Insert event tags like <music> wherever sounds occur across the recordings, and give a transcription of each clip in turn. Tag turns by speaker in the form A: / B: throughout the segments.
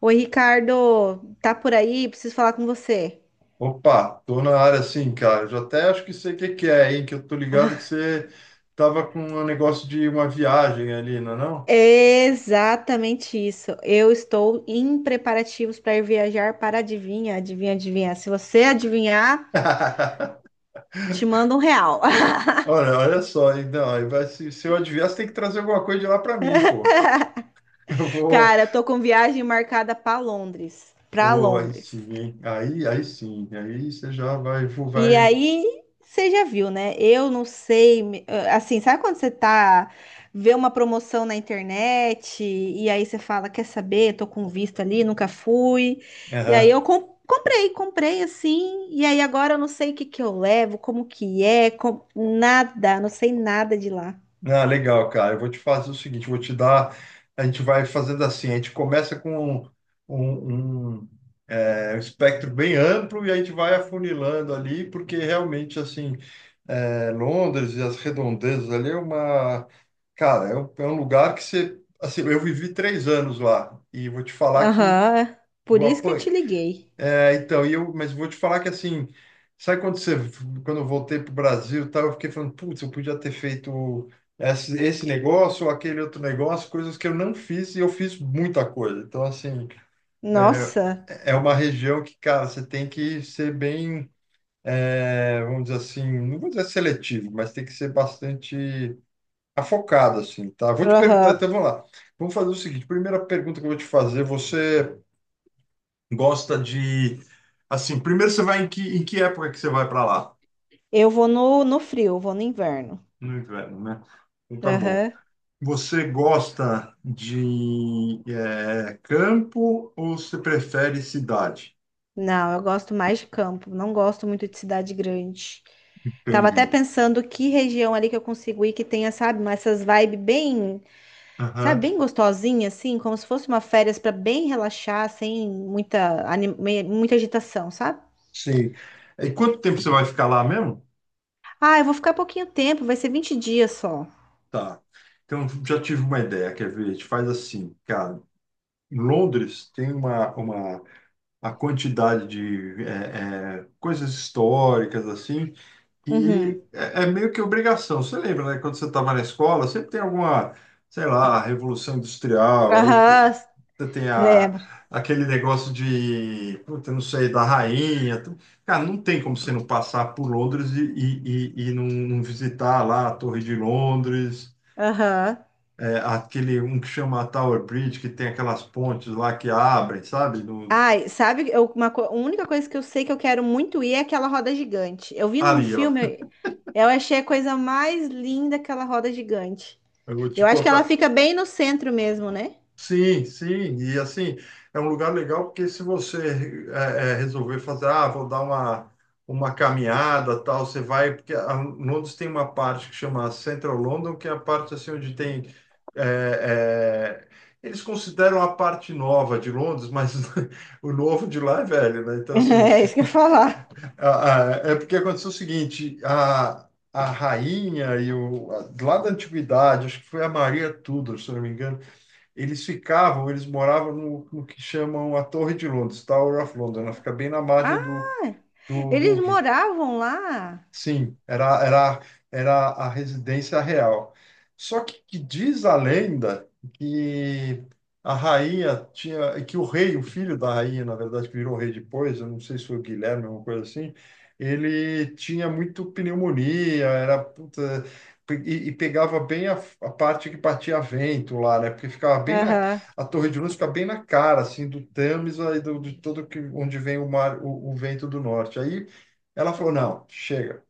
A: Oi, Ricardo, tá por aí? Preciso falar com você.
B: Opa, tô na área sim, cara. Eu já até acho que sei o que que é, hein? Que eu tô ligado que
A: <laughs> Ah,
B: você tava com um negócio de uma viagem ali, não é não?
A: é exatamente isso. Eu estou em preparativos para ir viajar para adivinha, adivinha, adivinha. Se você adivinhar,
B: <laughs>
A: te mando R$ 1. <laughs>
B: Olha, olha só, então, aí vai, se eu adivinhar, você tem que trazer alguma coisa de lá para mim, pô. <laughs> Eu vou.
A: Cara, eu tô com viagem marcada para Londres, para
B: Ô, aí
A: Londres.
B: sim, hein? Aí sim, aí você já vai,
A: E
B: vai.
A: aí, você já viu, né? Eu não sei, ah, assim, sabe quando você tá vê uma promoção na internet e aí você fala, quer saber? Tô com visto ali, nunca fui. E aí
B: Aham.
A: eu comprei assim, e aí agora eu não sei o que que eu levo, como que é, nada, não sei nada de lá.
B: Ah, legal, cara. Eu vou te fazer o seguinte, eu vou te dar. A gente vai fazendo assim, a gente começa com um, um, um espectro bem amplo e a gente vai afunilando ali, porque realmente assim, Londres e as redondezas ali é uma, cara, é um lugar que você, assim, eu vivi 3 anos lá e vou te falar que
A: Aham. Por
B: vou
A: isso que eu
B: apan-
A: te liguei.
B: então, mas vou te falar que assim, sabe quando você, quando eu voltei para o Brasil, e tal, eu fiquei falando, putz, eu podia ter feito esse negócio ou aquele outro negócio, coisas que eu não fiz e eu fiz muita coisa. Então, assim, é,
A: Nossa.
B: é uma região que, cara, você tem que ser bem, vamos dizer assim, não vou dizer seletivo, mas tem que ser bastante afocado, assim, tá? Vou te perguntar,
A: Aham.
B: então vamos lá. Vamos fazer o seguinte, primeira pergunta que eu vou te fazer, você gosta de. Assim, primeiro você vai em que época que você vai para lá?
A: Eu vou no frio, eu vou no inverno.
B: No inverno, né? Então tá bom.
A: Aham.
B: Você gosta de campo ou você prefere cidade?
A: Não, eu gosto mais de campo, não gosto muito de cidade grande. Tava até
B: Entendi.
A: pensando que região ali que eu consigo ir que tenha, sabe, essas vibes bem, sabe,
B: Aham.
A: bem gostosinha, assim, como se fosse uma férias para bem relaxar, sem muita, muita agitação, sabe?
B: Sim. E quanto tempo você vai ficar lá mesmo?
A: Ah, eu vou ficar pouquinho tempo, vai ser 20 dias só.
B: Tá. Então já tive uma ideia, quer ver? A gente faz assim, cara. Em Londres tem uma a quantidade de coisas históricas assim.
A: Uhum.
B: É meio que obrigação. Você lembra, né? Quando você estava na escola, sempre tem alguma, sei lá, revolução industrial, aí puta,
A: Aham,
B: tem a,
A: lembro.
B: aquele negócio de, puta, não sei, da rainha. Cara, não tem como você não passar por Londres e não visitar lá a Torre de Londres,
A: Aham.
B: aquele, um que chama Tower Bridge, que tem aquelas pontes lá que abrem, sabe? No,
A: Ai, sabe, a única coisa que eu sei que eu quero muito ir é aquela roda gigante. Eu vi num
B: ali, ó.
A: filme, eu achei a coisa mais linda aquela roda gigante.
B: Eu vou
A: Eu
B: te
A: acho que ela
B: contar.
A: fica bem no centro mesmo, né?
B: Sim, sim, e assim, é um lugar legal porque se você resolver fazer, ah, vou dar uma caminhada, tal, você vai, porque a Londres tem uma parte que chama Central London, que é a parte assim onde tem, é, é, eles consideram a parte nova de Londres, mas <laughs> o novo de lá é velho, né?
A: <laughs>
B: Então assim,
A: É isso que eu ia falar.
B: a- é porque aconteceu o seguinte, a rainha lá da antiguidade, acho que foi a Maria Tudor, se eu não me engano, eles ficavam, eles moravam no, no que chamam a Torre de Londres, Tower of London. Ela fica bem na
A: Ah,
B: margem do, do, do
A: eles
B: rio.
A: moravam lá.
B: Sim, era, era, era a residência real. Só que diz a lenda que a rainha tinha, que o rei, o filho da rainha, na verdade, que virou rei depois, eu não sei se foi o Guilherme, alguma coisa assim, ele tinha muito pneumonia, era puta, e pegava bem a parte que batia vento lá, né? Porque ficava bem na,
A: Aham.
B: a Torre de Luz fica bem na cara, assim, do Tâmisa e do, de todo que, onde vem o mar, o vento do norte. Aí ela falou: não, chega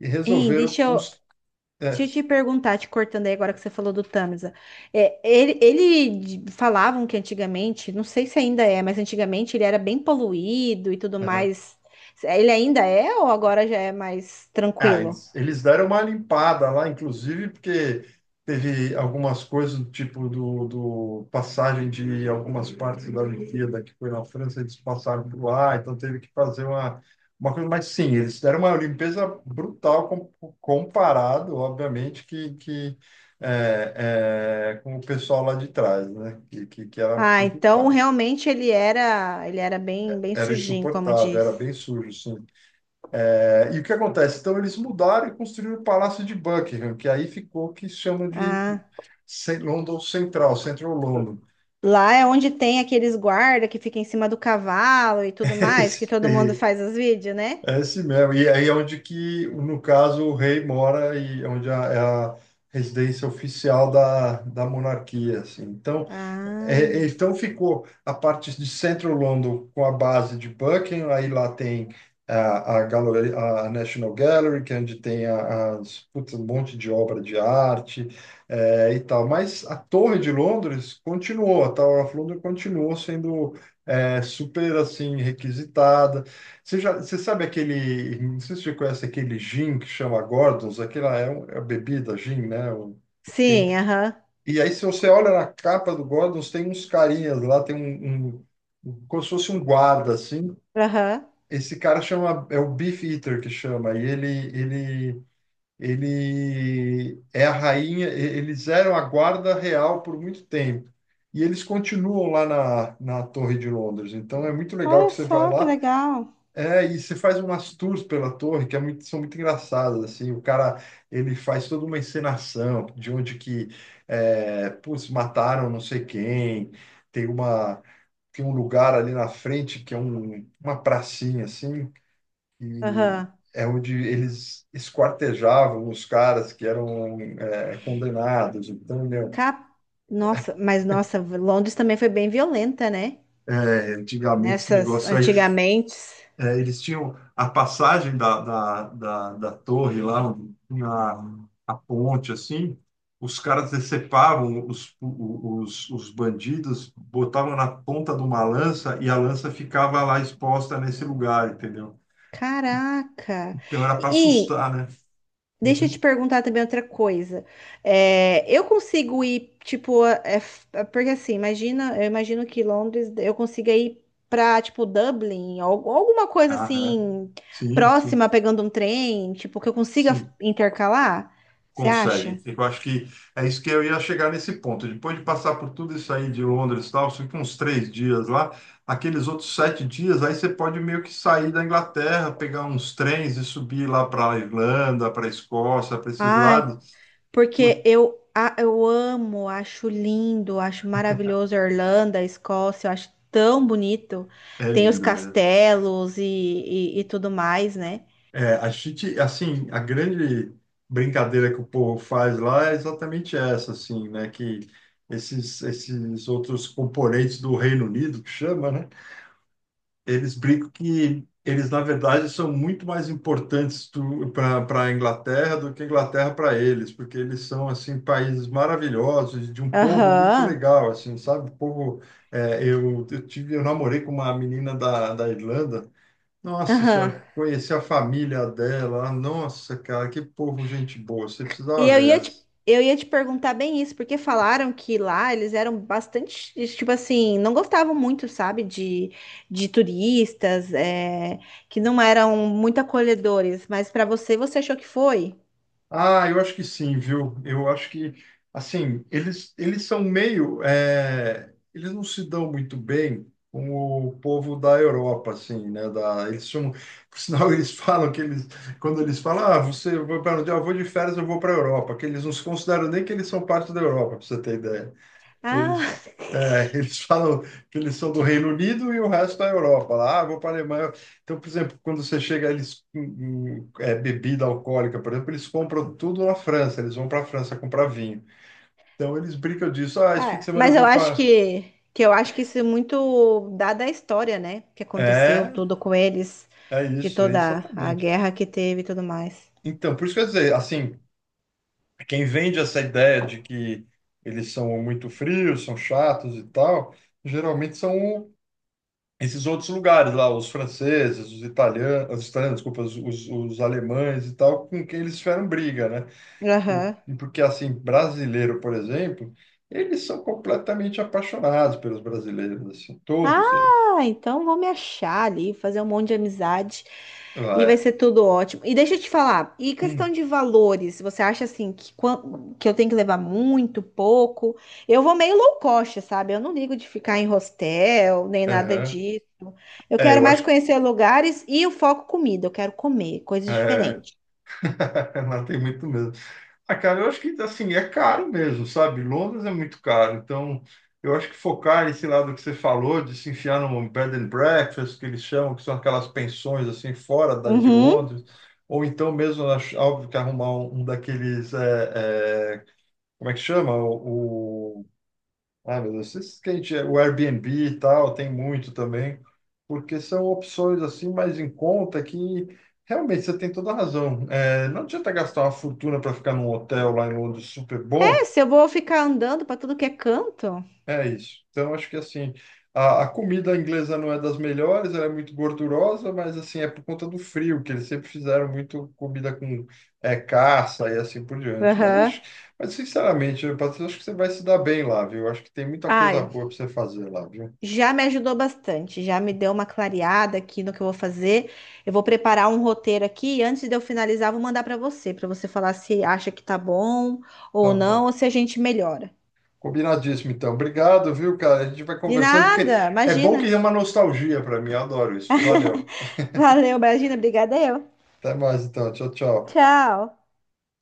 B: e
A: Hein,
B: resolveram construir.
A: Deixa eu
B: É,
A: te perguntar, te cortando aí agora que você falou do Tamiza. É, ele falavam que antigamente, não sei se ainda é, mas antigamente ele era bem poluído e tudo
B: aham.
A: mais. Ele ainda é ou agora já é mais
B: Ah,
A: tranquilo?
B: eles deram uma limpada lá, inclusive, porque teve algumas coisas do tipo do, do passagem de algumas partes da Olimpíada que foi na França, eles passaram por lá, então teve que fazer uma coisa. Mas sim, eles deram uma limpeza brutal com, comparado, obviamente, com o pessoal lá de trás, né? Que era
A: Ah, então
B: complicado,
A: realmente ele era bem, bem
B: era
A: sujinho, como
B: insuportável, era
A: diz.
B: bem sujo, sim. É, e o que acontece? Então, eles mudaram e construíram o Palácio de Buckingham, que aí ficou o que se chama de
A: Ah,
B: London Central, Central London.
A: lá é onde tem aqueles guarda que fica em cima do cavalo e tudo
B: <laughs>
A: mais,
B: Esse,
A: que todo mundo
B: é
A: faz os vídeos, né?
B: esse mesmo. E aí é onde que, no caso, o rei mora e onde é é a residência oficial da, da monarquia, assim. Então,
A: Ah,
B: é, então ficou a parte de Central London com a base de Buckingham, aí lá tem a National Gallery, que é onde as, putz, um monte de obra de arte, é, e tal. Mas a Torre de Londres continuou, a Tower of London continuou sendo, é, super assim requisitada. Você já, você sabe aquele, não sei se você conhece aquele gin que chama Gordon's, aquela é a bebida gin, né? Tem um que
A: sim, aham,
B: e aí, se você olha na capa do Gordons, tem uns carinhas lá, um, como se fosse um guarda, assim.
A: aham.
B: Esse cara chama, é o Beef Eater que chama, ele, ele é a rainha, eles eram a guarda real por muito tempo. E eles continuam lá na, na Torre de Londres. Então, é muito legal
A: Olha
B: que você vai
A: só que
B: lá.
A: legal.
B: É, e você faz umas tours pela torre que é muito- são muito engraçadas, assim, o cara, ele faz toda uma encenação de onde que, é, putz, mataram não sei quem, tem uma, tem um lugar ali na frente que é um, uma pracinha, assim, e
A: Aham.
B: é onde eles esquartejavam os caras que eram, é, condenados, então, meu,
A: Cap... Nossa, mas nossa, Londres também foi bem violenta, né?
B: é, antigamente esse
A: Nessas
B: negócio aí.
A: antigamente.
B: É, eles tinham a passagem da torre lá, onde tinha a ponte, assim, os caras decepavam os bandidos, botavam na ponta de uma lança e a lança ficava lá exposta nesse lugar, entendeu?
A: Caraca.
B: Então era para
A: E
B: assustar, né?
A: deixa eu te
B: Uhum.
A: perguntar também outra coisa. É, eu consigo ir, tipo, porque assim, imagina, eu imagino que Londres eu consiga ir pra, tipo, Dublin, ou alguma coisa
B: Aham.
A: assim,
B: Sim, sim,
A: próxima, pegando um trem, tipo, que eu consiga
B: sim.
A: intercalar. Você acha?
B: Consegue. Eu acho que é isso que eu ia chegar nesse ponto. Depois de passar por tudo isso aí de Londres e tal, você fica uns 3 dias lá, aqueles outros 7 dias, aí você pode meio que sair da Inglaterra, pegar uns trens e subir lá para a Irlanda, para a Escócia, para esses
A: Ai,
B: lados. Putz,
A: porque eu amo, acho lindo, acho maravilhoso a Irlanda, a Escócia, eu acho tão bonito.
B: é
A: Tem os
B: lindo mesmo.
A: castelos e tudo mais, né?
B: É, a gente, assim, a grande brincadeira que o povo faz lá é exatamente essa, assim, né? Que esses outros componentes do Reino Unido, que chama, né? Eles brincam que eles, na verdade, são muito mais importantes para a Inglaterra do que a Inglaterra para eles, porque eles são, assim, países maravilhosos, de um povo muito
A: Aham,
B: legal, assim, sabe? O povo, é, eu tive, eu namorei com uma menina da, da Irlanda, nossa
A: aham.
B: senhora, conheci a família dela, nossa, cara, que povo gente boa, você
A: E
B: precisava
A: eu
B: ver
A: ia te,
B: essa.
A: eu ia te perguntar bem isso, porque falaram que lá eles eram bastante, tipo assim, não gostavam muito, sabe, de turistas, é, que não eram muito acolhedores, mas para você, você achou que foi?
B: Ah, eu acho que sim, viu? Eu acho que, assim, eles são meio, é, eles não se dão muito bem com o povo da Europa, assim, né? Da, eles são, por sinal, <laughs> eles falam que eles, quando eles falam, ah, você vai para onde? Ah, eu vou de férias, eu vou para a Europa, que eles não se consideram nem que eles são parte da Europa, para você ter ideia.
A: Ah,
B: Eles, é, <laughs> eles falam que eles são do Reino Unido e o resto da Europa. Lá, ah, vou para a Alemanha. Então, por exemplo, quando você chega, eles bebida alcoólica, por exemplo, eles compram tudo na França. Eles vão para a França comprar vinho. Então, eles brincam disso.
A: <laughs>
B: Ah, esse fim de
A: ah,
B: semana eu
A: mas eu
B: vou
A: acho
B: para.
A: que, que eu acho que isso é muito dado à história, né? Que aconteceu
B: É,
A: tudo com eles,
B: é
A: de
B: isso, é
A: toda a
B: exatamente.
A: guerra que teve e tudo mais.
B: Então, por isso que eu ia dizer, assim, quem vende essa ideia de que eles são muito frios, são chatos e tal, geralmente são esses outros lugares lá, os franceses, desculpa, os alemães e tal, com quem eles fizeram briga, né? Por,
A: Aham.
B: porque, assim, brasileiro, por exemplo, eles são completamente apaixonados pelos brasileiros, assim, todos eles.
A: Ah, então vou me achar ali, fazer um monte de amizade e vai
B: Vai.
A: ser tudo ótimo. E deixa eu te falar, e questão
B: Hum.
A: de valores, você acha assim que eu tenho que levar muito, pouco? Eu vou meio low cost, sabe? Eu não ligo de ficar em hostel, nem nada
B: Aham.
A: disso. Eu
B: É,
A: quero
B: eu
A: mais
B: acho.
A: conhecer lugares e o foco comida, eu quero comer coisas
B: É.
A: diferentes.
B: <laughs> Não tem muito mesmo. Ah, cara, eu acho que assim, é caro mesmo, sabe? Londres é muito caro. Então, eu acho que focar esse lado que você falou, de se enfiar num bed and breakfast, que eles chamam, que são aquelas pensões assim, fora daí de
A: Uhum.
B: Londres, ou então mesmo, óbvio que arrumar um, um daqueles, como é que chama? Meu Deus, esses que a gente, o Airbnb e tal, tem muito também, porque são opções assim mais em conta que realmente você tem toda a razão. É, não adianta gastar uma fortuna para ficar num hotel lá em Londres super
A: É,
B: bom,
A: se eu vou ficar andando para tudo que é canto.
B: é isso. Então acho que assim, a comida inglesa não é das melhores, ela é muito gordurosa, mas assim, é por conta do frio, que eles sempre fizeram muito comida com, é, caça e assim por diante. Mas acho,
A: Aham.
B: mas sinceramente, Patrícia, acho que você vai se dar bem lá, viu? Acho que tem muita coisa
A: Ai,
B: boa para você fazer lá, viu?
A: já me ajudou bastante, já me deu uma clareada aqui no que eu vou fazer. Eu vou preparar um roteiro aqui e antes de eu finalizar, vou mandar para você falar se acha que tá bom ou
B: Tá
A: não,
B: bom.
A: ou se a gente melhora.
B: Combinadíssimo, então. Obrigado, viu, cara? A gente vai
A: De
B: conversando, porque
A: nada,
B: é bom
A: imagina.
B: que é uma nostalgia para mim. Eu adoro isso. Valeu.
A: Valeu, imagina, obrigada eu.
B: Até mais, então. Tchau, tchau.
A: Tchau.